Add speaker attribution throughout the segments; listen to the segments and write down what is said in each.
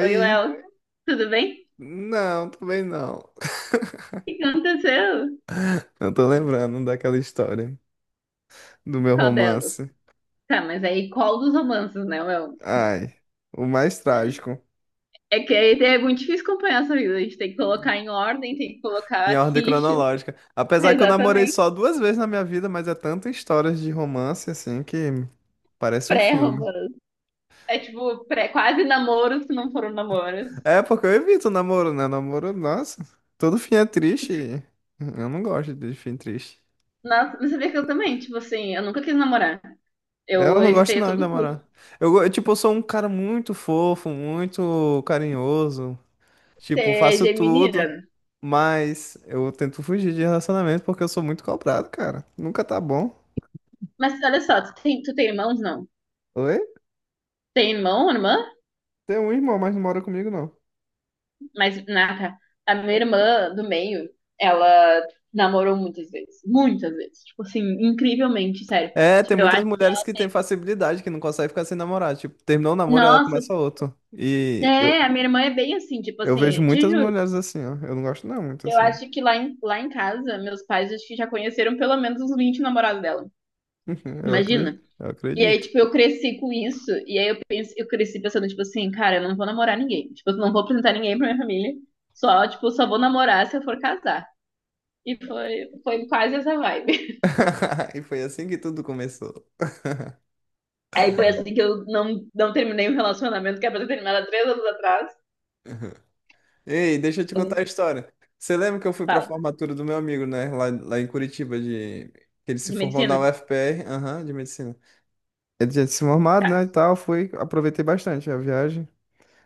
Speaker 1: Oi, Léo, tudo bem?
Speaker 2: Não, também não.
Speaker 1: O que aconteceu?
Speaker 2: Eu tô lembrando daquela história do meu
Speaker 1: Qual delas?
Speaker 2: romance.
Speaker 1: Tá, mas aí qual dos romances, né, Léo?
Speaker 2: Ai, o mais trágico,
Speaker 1: É que aí é muito difícil acompanhar essa vida. A gente tem que colocar em ordem, tem que colocar
Speaker 2: em
Speaker 1: a
Speaker 2: ordem
Speaker 1: ficha.
Speaker 2: cronológica. Apesar que eu namorei
Speaker 1: Exatamente.
Speaker 2: só duas vezes na minha vida, mas é tanta histórias de romance assim que parece um filme.
Speaker 1: Pré-romance. É tipo, pré, quase namoro se não foram namoros.
Speaker 2: É porque eu evito namoro, né? Namoro, nossa, todo fim é triste. Eu não gosto de fim triste.
Speaker 1: Nossa, você vê que eu também, tipo assim, eu nunca quis namorar.
Speaker 2: Eu
Speaker 1: Eu
Speaker 2: não gosto
Speaker 1: evitei a
Speaker 2: não de
Speaker 1: todo custo
Speaker 2: namorar. Tipo, eu sou um cara muito fofo, muito carinhoso. Tipo,
Speaker 1: ser
Speaker 2: faço tudo,
Speaker 1: geminiana.
Speaker 2: mas eu tento fugir de relacionamento porque eu sou muito cobrado, cara. Nunca tá bom.
Speaker 1: Mas olha só, tu tem irmãos, não?
Speaker 2: Oi?
Speaker 1: Tem irmão, irmã?
Speaker 2: Tem um irmão, mas não mora comigo, não.
Speaker 1: Mas, Nata, a minha irmã do meio, ela namorou muitas vezes. Muitas vezes. Tipo assim, incrivelmente, sério.
Speaker 2: É, tem
Speaker 1: Tipo, eu
Speaker 2: muitas
Speaker 1: acho que
Speaker 2: mulheres
Speaker 1: ela.
Speaker 2: que têm facilidade, que não conseguem ficar sem namorar. Tipo, terminou o namoro, ela
Speaker 1: Nossa,
Speaker 2: começa outro. E eu,
Speaker 1: é, a minha irmã é bem assim, tipo
Speaker 2: eu vejo
Speaker 1: assim, te
Speaker 2: muitas
Speaker 1: juro.
Speaker 2: mulheres assim, ó. Eu não gosto não muito
Speaker 1: Eu
Speaker 2: assim.
Speaker 1: acho que lá em casa, meus pais acho que já conheceram pelo menos uns 20 namorados dela.
Speaker 2: Eu
Speaker 1: Imagina.
Speaker 2: acredito, eu
Speaker 1: E aí,
Speaker 2: acredito.
Speaker 1: tipo, eu cresci com isso. E aí eu cresci pensando, tipo assim, cara, eu não vou namorar ninguém. Tipo, eu não vou apresentar ninguém pra minha família. Só, tipo, só vou namorar se eu for casar. E foi quase essa vibe.
Speaker 2: E foi assim que tudo começou.
Speaker 1: Aí foi assim que eu não terminei um relacionamento que era pra ter terminado há 3 anos atrás.
Speaker 2: Ei, deixa eu te contar
Speaker 1: Uhum.
Speaker 2: a história. Você lembra que eu fui para
Speaker 1: Fala.
Speaker 2: formatura do meu amigo, né? Lá em Curitiba, que ele se
Speaker 1: De
Speaker 2: formou na
Speaker 1: medicina?
Speaker 2: UFPR, aham, de medicina. Ele tinha se formado,
Speaker 1: Tá,
Speaker 2: né, e tal, fui, aproveitei bastante a viagem.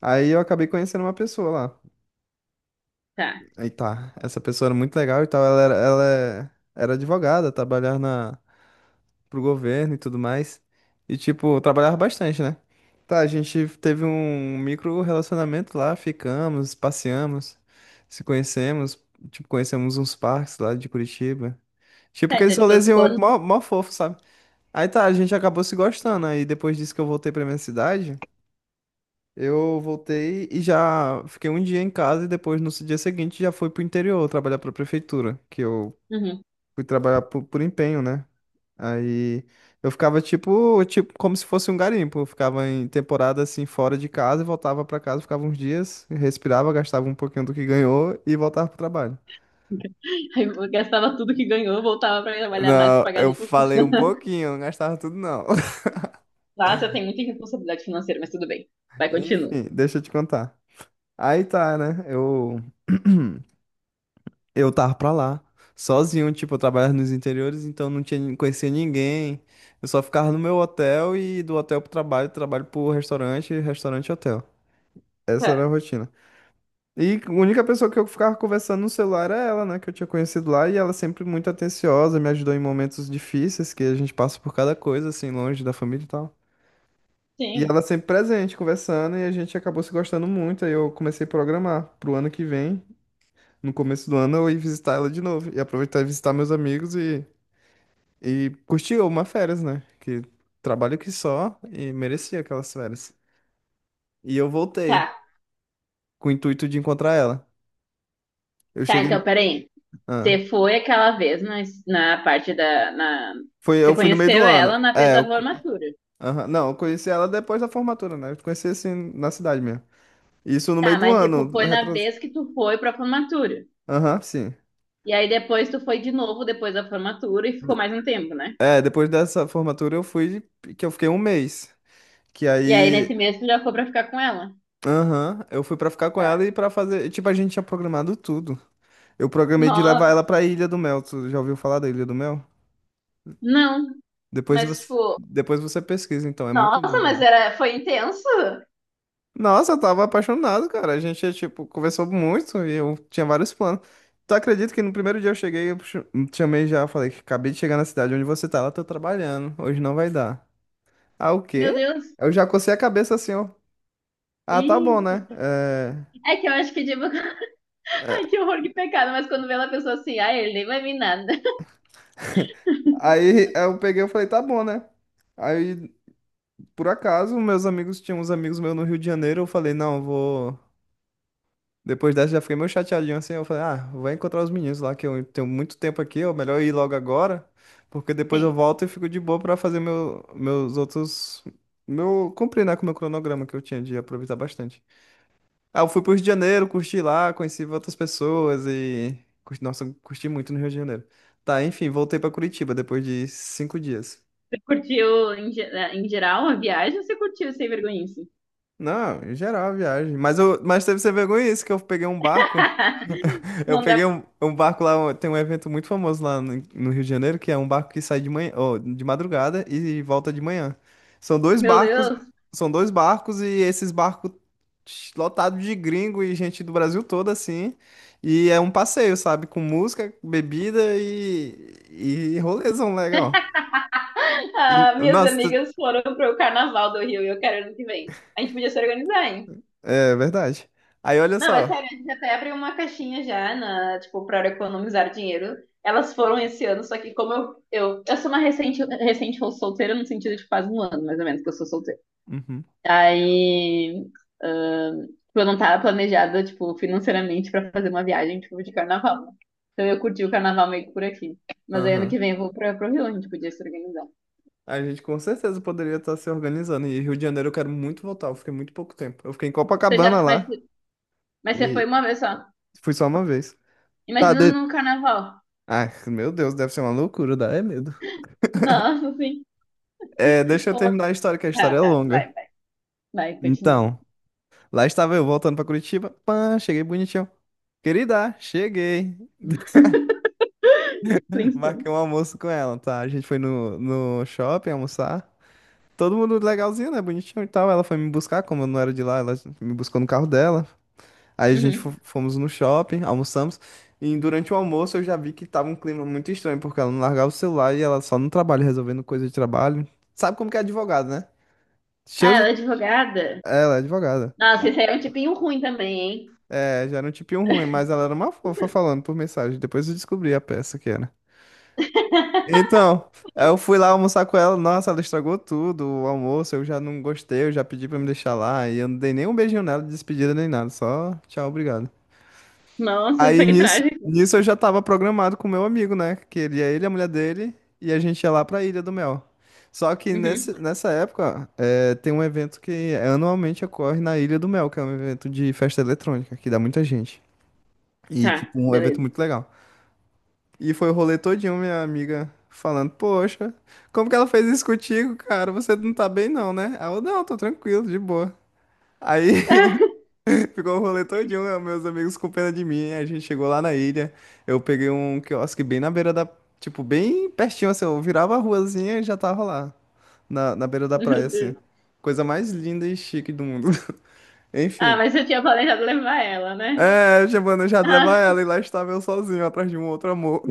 Speaker 2: Aí eu acabei conhecendo uma pessoa lá.
Speaker 1: tá.
Speaker 2: Aí tá, essa pessoa era muito legal e tal, ela era, ela é- era advogada, trabalhava pro governo e tudo mais. E, tipo, eu trabalhava bastante, né? Tá, a gente teve um micro relacionamento lá, ficamos, passeamos, se conhecemos, tipo, conhecemos uns parques lá de Curitiba. Tipo,
Speaker 1: Tá,
Speaker 2: aqueles
Speaker 1: então, tipo,
Speaker 2: rolezinhos
Speaker 1: quando.
Speaker 2: mó, mó fofo, sabe? Aí tá, a gente acabou se gostando. Aí depois disso que eu voltei pra minha cidade, eu voltei e já fiquei um dia em casa e depois no dia seguinte já fui pro interior trabalhar pra prefeitura, que eu
Speaker 1: Uhum.
Speaker 2: fui trabalhar por empenho, né? Aí eu ficava tipo, como se fosse um garimpo. Eu ficava em temporada assim fora de casa e voltava pra casa, ficava uns dias, respirava, gastava um pouquinho do que ganhou e voltava pro trabalho.
Speaker 1: Aí eu gastava tudo que ganhou, voltava pra trabalhar mais pra
Speaker 2: Não,
Speaker 1: pagar as
Speaker 2: eu
Speaker 1: outras coisas.
Speaker 2: falei um pouquinho, não gastava tudo não.
Speaker 1: Nossa, tem muita responsabilidade financeira, mas tudo bem. Vai, continua.
Speaker 2: Enfim, deixa eu te contar. Aí tá, né? Eu eu tava pra lá, sozinho, tipo, eu trabalhava nos interiores, então não tinha, não conhecia ninguém. Eu só ficava no meu hotel e do hotel pro trabalho, trabalho pro restaurante, restaurante hotel.
Speaker 1: Tá,
Speaker 2: Essa era a rotina. E a única pessoa que eu ficava conversando no celular era ela, né, que eu tinha conhecido lá, e ela sempre muito atenciosa, me ajudou em momentos difíceis, que a gente passa por cada coisa, assim, longe da família e tal. E
Speaker 1: sim.
Speaker 2: ela sempre presente, conversando, e a gente acabou se gostando muito, aí eu comecei a programar pro ano que vem. No começo do ano eu ia visitar ela de novo. E aproveitar e visitar meus amigos e curtir uma férias, né? Que trabalho que só e merecia aquelas férias. E eu
Speaker 1: Tá,
Speaker 2: voltei com o intuito de encontrar ela. Eu
Speaker 1: tá, então,
Speaker 2: cheguei.
Speaker 1: peraí.
Speaker 2: Ah,
Speaker 1: Você foi aquela vez na parte da. Na.
Speaker 2: foi,
Speaker 1: Você
Speaker 2: eu fui no meio do
Speaker 1: conheceu
Speaker 2: ano.
Speaker 1: ela na vez
Speaker 2: É,
Speaker 1: da formatura.
Speaker 2: aham, não, eu conheci ela depois da formatura, né? Eu conheci assim na cidade mesmo. Isso no meio
Speaker 1: Tá,
Speaker 2: do
Speaker 1: mas tipo,
Speaker 2: ano.
Speaker 1: foi na vez que tu foi pra formatura.
Speaker 2: Aham, sim.
Speaker 1: E aí depois tu foi de novo depois da formatura e ficou
Speaker 2: De-
Speaker 1: mais um tempo, né?
Speaker 2: É, depois dessa formatura eu fui, que eu fiquei um mês. Que
Speaker 1: E aí nesse
Speaker 2: aí
Speaker 1: mês tu já foi pra ficar com ela.
Speaker 2: Aham, eu fui pra ficar com
Speaker 1: Tá.
Speaker 2: ela e pra fazer. Tipo, a gente tinha programado tudo. Eu programei de levar ela
Speaker 1: Nossa,
Speaker 2: pra Ilha do Mel. Tu já ouviu falar da Ilha do Mel?
Speaker 1: não,
Speaker 2: Depois
Speaker 1: mas
Speaker 2: você,
Speaker 1: tipo,
Speaker 2: depois você pesquisa, então, é muito
Speaker 1: nossa,
Speaker 2: lindo
Speaker 1: mas
Speaker 2: lá.
Speaker 1: foi intenso.
Speaker 2: Nossa, eu tava apaixonado, cara. A gente, tipo, conversou muito e eu tinha vários planos. Tu acredita que no primeiro dia eu cheguei, chamei já, falei que acabei de chegar na cidade onde você tá, lá tô trabalhando, hoje não vai dar. Ah, o quê?
Speaker 1: Meu Deus.
Speaker 2: Eu já cocei a cabeça assim, ó. Ah, tá
Speaker 1: Ih,
Speaker 2: bom, né? É.
Speaker 1: é que eu acho que tipo, ai,
Speaker 2: é,
Speaker 1: que horror, que pecado, mas quando vê ela pessoa assim, ai, ele nem vai vir nada.
Speaker 2: Aí eu peguei e falei, tá bom, né? Aí, por acaso, meus amigos, tinha uns amigos meus no Rio de Janeiro, eu falei, não, vou... Depois dessa já fiquei meio chateadinho assim, eu falei, ah, vou encontrar os meninos lá, que eu tenho muito tempo aqui, é melhor ir logo agora, porque depois
Speaker 1: Sim,
Speaker 2: eu volto e fico de boa pra fazer meus outros... Meu, cumprir, né, com o meu cronograma que eu tinha de aproveitar bastante. Ah, eu fui pro Rio de Janeiro, curti lá, conheci outras pessoas e... Nossa, eu curti muito no Rio de Janeiro. Tá, enfim, voltei pra Curitiba depois de 5 dias.
Speaker 1: você curtiu em geral a viagem ou você curtiu sem vergonhice?
Speaker 2: Não, em geral a viagem. Mas teve ser vergonha isso, que eu peguei um barco. Eu
Speaker 1: Não dá,
Speaker 2: peguei um barco lá, tem um evento muito famoso lá no Rio de Janeiro, que é um barco que sai de manhã, ó, de madrugada e volta de manhã. São dois
Speaker 1: meu
Speaker 2: barcos,
Speaker 1: Deus.
Speaker 2: são dois barcos e esses barcos lotados de gringo e gente do Brasil todo, assim. E é um passeio, sabe? Com música, bebida e rolezão legal. E,
Speaker 1: Ah, minhas
Speaker 2: nossa,
Speaker 1: amigas foram pro carnaval do Rio e eu quero ano que vem. A gente podia se organizar, hein?
Speaker 2: é verdade. Aí olha
Speaker 1: Não, é
Speaker 2: só.
Speaker 1: sério, a gente até abriu uma caixinha já, na, tipo, para economizar dinheiro. Elas foram esse ano, só que como eu sou uma recente solteira, no sentido de faz um ano, mais ou menos, que eu sou solteira.
Speaker 2: Uhum.
Speaker 1: Aí, tipo, eu não tava planejada, tipo, financeiramente pra fazer uma viagem, tipo, de carnaval, né? Então eu curti o carnaval meio que por aqui. Mas aí ano
Speaker 2: Aham.
Speaker 1: que vem eu vou pro Rio, a gente podia se organizar.
Speaker 2: A gente com certeza poderia estar se organizando. E Rio de Janeiro eu quero muito voltar. Eu fiquei muito pouco tempo. Eu fiquei em
Speaker 1: Você
Speaker 2: Copacabana
Speaker 1: já, mas,
Speaker 2: lá
Speaker 1: mas você foi
Speaker 2: e
Speaker 1: uma vez só.
Speaker 2: fui só uma vez. Tá,
Speaker 1: Imagina
Speaker 2: de...
Speaker 1: num carnaval.
Speaker 2: Ai, meu Deus, deve ser uma loucura, dá é medo.
Speaker 1: Nossa, sim.
Speaker 2: É, deixa eu terminar a história, que a
Speaker 1: Tá,
Speaker 2: história é
Speaker 1: tá,
Speaker 2: longa.
Speaker 1: vai, vai, vai, continua.
Speaker 2: Então, lá estava eu voltando pra Curitiba. Pã, cheguei bonitinho. Querida, cheguei.
Speaker 1: Flintstone.
Speaker 2: Marquei um almoço com ela, tá? A gente foi no shopping almoçar. Todo mundo legalzinho, né? Bonitinho e tal. Ela foi me buscar, como eu não era de lá, ela me buscou no carro dela. Aí a gente
Speaker 1: Uhum.
Speaker 2: fomos no shopping, almoçamos, e durante o almoço eu já vi que tava um clima muito estranho, porque ela não largava o celular e ela só no trabalho, resolvendo coisa de trabalho. Sabe como que é advogado, né? Cheio
Speaker 1: Ah, ela
Speaker 2: de...
Speaker 1: é advogada?
Speaker 2: Ela é advogada.
Speaker 1: Nossa, esse aí é um tipinho ruim também, hein?
Speaker 2: É, já era um tipinho ruim, mas ela era uma fofa falando por mensagem. Depois eu descobri a peça que era. Então, aí eu fui lá almoçar com ela. Nossa, ela estragou tudo, o almoço. Eu já não gostei, eu já pedi pra me deixar lá. E eu não dei nem um beijinho nela, de despedida nem nada. Só tchau, obrigado.
Speaker 1: Nossa,
Speaker 2: Aí
Speaker 1: foi
Speaker 2: nisso,
Speaker 1: trágico.
Speaker 2: nisso eu já tava programado com o meu amigo, né? Que ele ia ele, a mulher dele, e a gente ia lá pra Ilha do Mel. Só que nesse,
Speaker 1: Uhum.
Speaker 2: nessa época, tem um evento que anualmente ocorre na Ilha do Mel, que é um evento de festa eletrônica, que dá muita gente. E,
Speaker 1: Tá,
Speaker 2: tipo, um evento
Speaker 1: beleza.
Speaker 2: muito legal. E foi o rolê todinho, minha amiga falando, poxa, como que ela fez isso contigo, cara? Você não tá bem não, né? Aí eu, não, tô tranquilo, de boa. Aí ficou o rolê todinho, né? Meus amigos com pena de mim. A gente chegou lá na ilha. Eu peguei um quiosque bem na beira da. Tipo, bem pertinho, assim. Eu virava a ruazinha e já tava lá. Na beira da
Speaker 1: Ah,
Speaker 2: praia,
Speaker 1: meu
Speaker 2: assim.
Speaker 1: Deus.
Speaker 2: Coisa mais linda e chique do mundo.
Speaker 1: Ah,
Speaker 2: Enfim.
Speaker 1: mas eu tinha planejado levar ela, né?
Speaker 2: É, eu tinha planejado levar
Speaker 1: Ah,
Speaker 2: ela e lá estava eu sozinho atrás de um outro amor.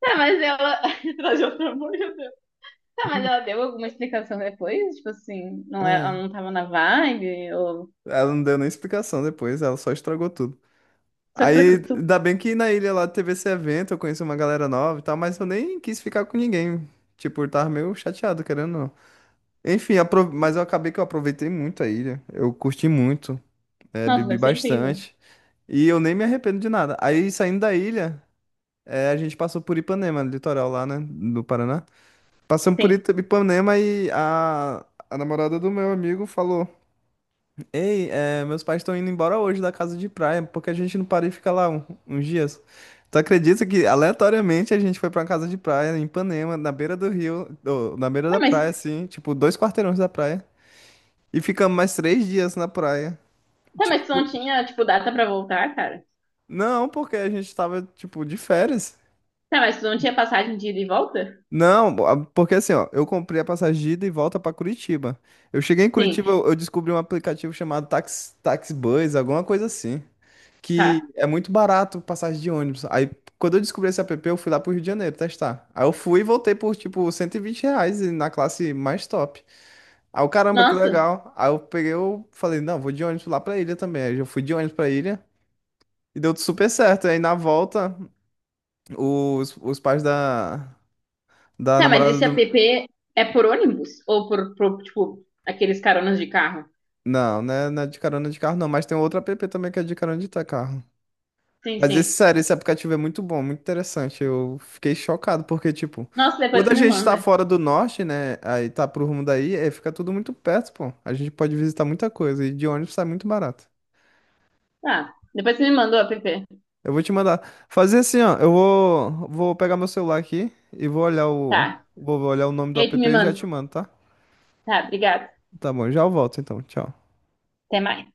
Speaker 1: tá, mas ela. Trajou, pelo amor de Deus. Tá, mas ela deu alguma explicação depois? Tipo assim, não é, ela
Speaker 2: Ai.
Speaker 1: não tava na vibe? Ou
Speaker 2: Ela não deu nem explicação depois, ela só estragou tudo.
Speaker 1: só estragou
Speaker 2: Aí,
Speaker 1: tudo?
Speaker 2: ainda bem que na ilha lá teve esse evento, eu conheci uma galera nova e tal, mas eu nem quis ficar com ninguém. Tipo, eu tava meio chateado, querendo ou não. Enfim, mas eu acabei que eu aproveitei muito a ilha. Eu curti muito,
Speaker 1: Nossa,
Speaker 2: bebi
Speaker 1: deve ser incrível.
Speaker 2: bastante. E eu nem me arrependo de nada. Aí, saindo da ilha, a gente passou por Ipanema, no litoral lá, né, do Paraná. Passamos por
Speaker 1: Sim.
Speaker 2: Ipanema e a namorada do meu amigo falou: Ei, meus pais estão indo embora hoje da casa de praia, porque a gente não para e fica lá uns dias. Tu acredita que aleatoriamente a gente foi pra uma casa de praia em Ipanema, na beira do rio, na beira
Speaker 1: Tá,
Speaker 2: da
Speaker 1: mas,
Speaker 2: praia, assim, tipo, 2 quarteirões da praia. E ficamos mais 3 dias na praia.
Speaker 1: tá, mas tu não
Speaker 2: Tipo,
Speaker 1: tinha, tipo, data pra voltar, cara?
Speaker 2: não, porque a gente tava, tipo, de férias.
Speaker 1: Tá, mas tu não tinha passagem de ida e volta?
Speaker 2: Não, porque assim, ó, eu comprei a passagem de ida e volta pra Curitiba. Eu cheguei em
Speaker 1: Sim,
Speaker 2: Curitiba, eu descobri um aplicativo chamado Taxi, Taxibus, alguma coisa assim,
Speaker 1: tá.
Speaker 2: que é muito barato passagem de ônibus. Aí, quando eu descobri esse app, eu fui lá pro Rio de Janeiro testar. Aí eu fui e voltei por, tipo, 120 reais e na classe mais top. Aí eu, caramba, que
Speaker 1: Nossa.
Speaker 2: legal. Aí eu peguei, eu falei, não, vou de ônibus lá pra ilha também. Aí eu fui de ônibus pra ilha. E deu super certo. Aí na volta, os pais da
Speaker 1: Tá, mas
Speaker 2: namorada
Speaker 1: esse app
Speaker 2: do.
Speaker 1: é por ônibus? Ou por, tipo, aqueles caronas de carro?
Speaker 2: Não, né? Não é de carona de carro, não. Mas tem outro app também que é de carona de carro.
Speaker 1: Sim,
Speaker 2: Mas esse,
Speaker 1: sim.
Speaker 2: sério, esse aplicativo é muito bom, muito interessante. Eu fiquei chocado, porque, tipo,
Speaker 1: Nossa, depois
Speaker 2: quando
Speaker 1: você
Speaker 2: a
Speaker 1: me
Speaker 2: gente tá
Speaker 1: manda.
Speaker 2: fora do norte, né? Aí tá pro rumo daí, fica tudo muito perto, pô. A gente pode visitar muita coisa. E de ônibus sai muito barato.
Speaker 1: Tá, depois você me manda o app.
Speaker 2: Eu vou te mandar. Fazer assim, ó. Eu vou pegar meu celular aqui e vou olhar o.
Speaker 1: Tá,
Speaker 2: Vou olhar o nome do
Speaker 1: e aí
Speaker 2: app
Speaker 1: tu me
Speaker 2: e já te
Speaker 1: manda.
Speaker 2: mando, tá?
Speaker 1: Tá, obrigada.
Speaker 2: Tá bom, já eu volto então. Tchau.
Speaker 1: Até mais.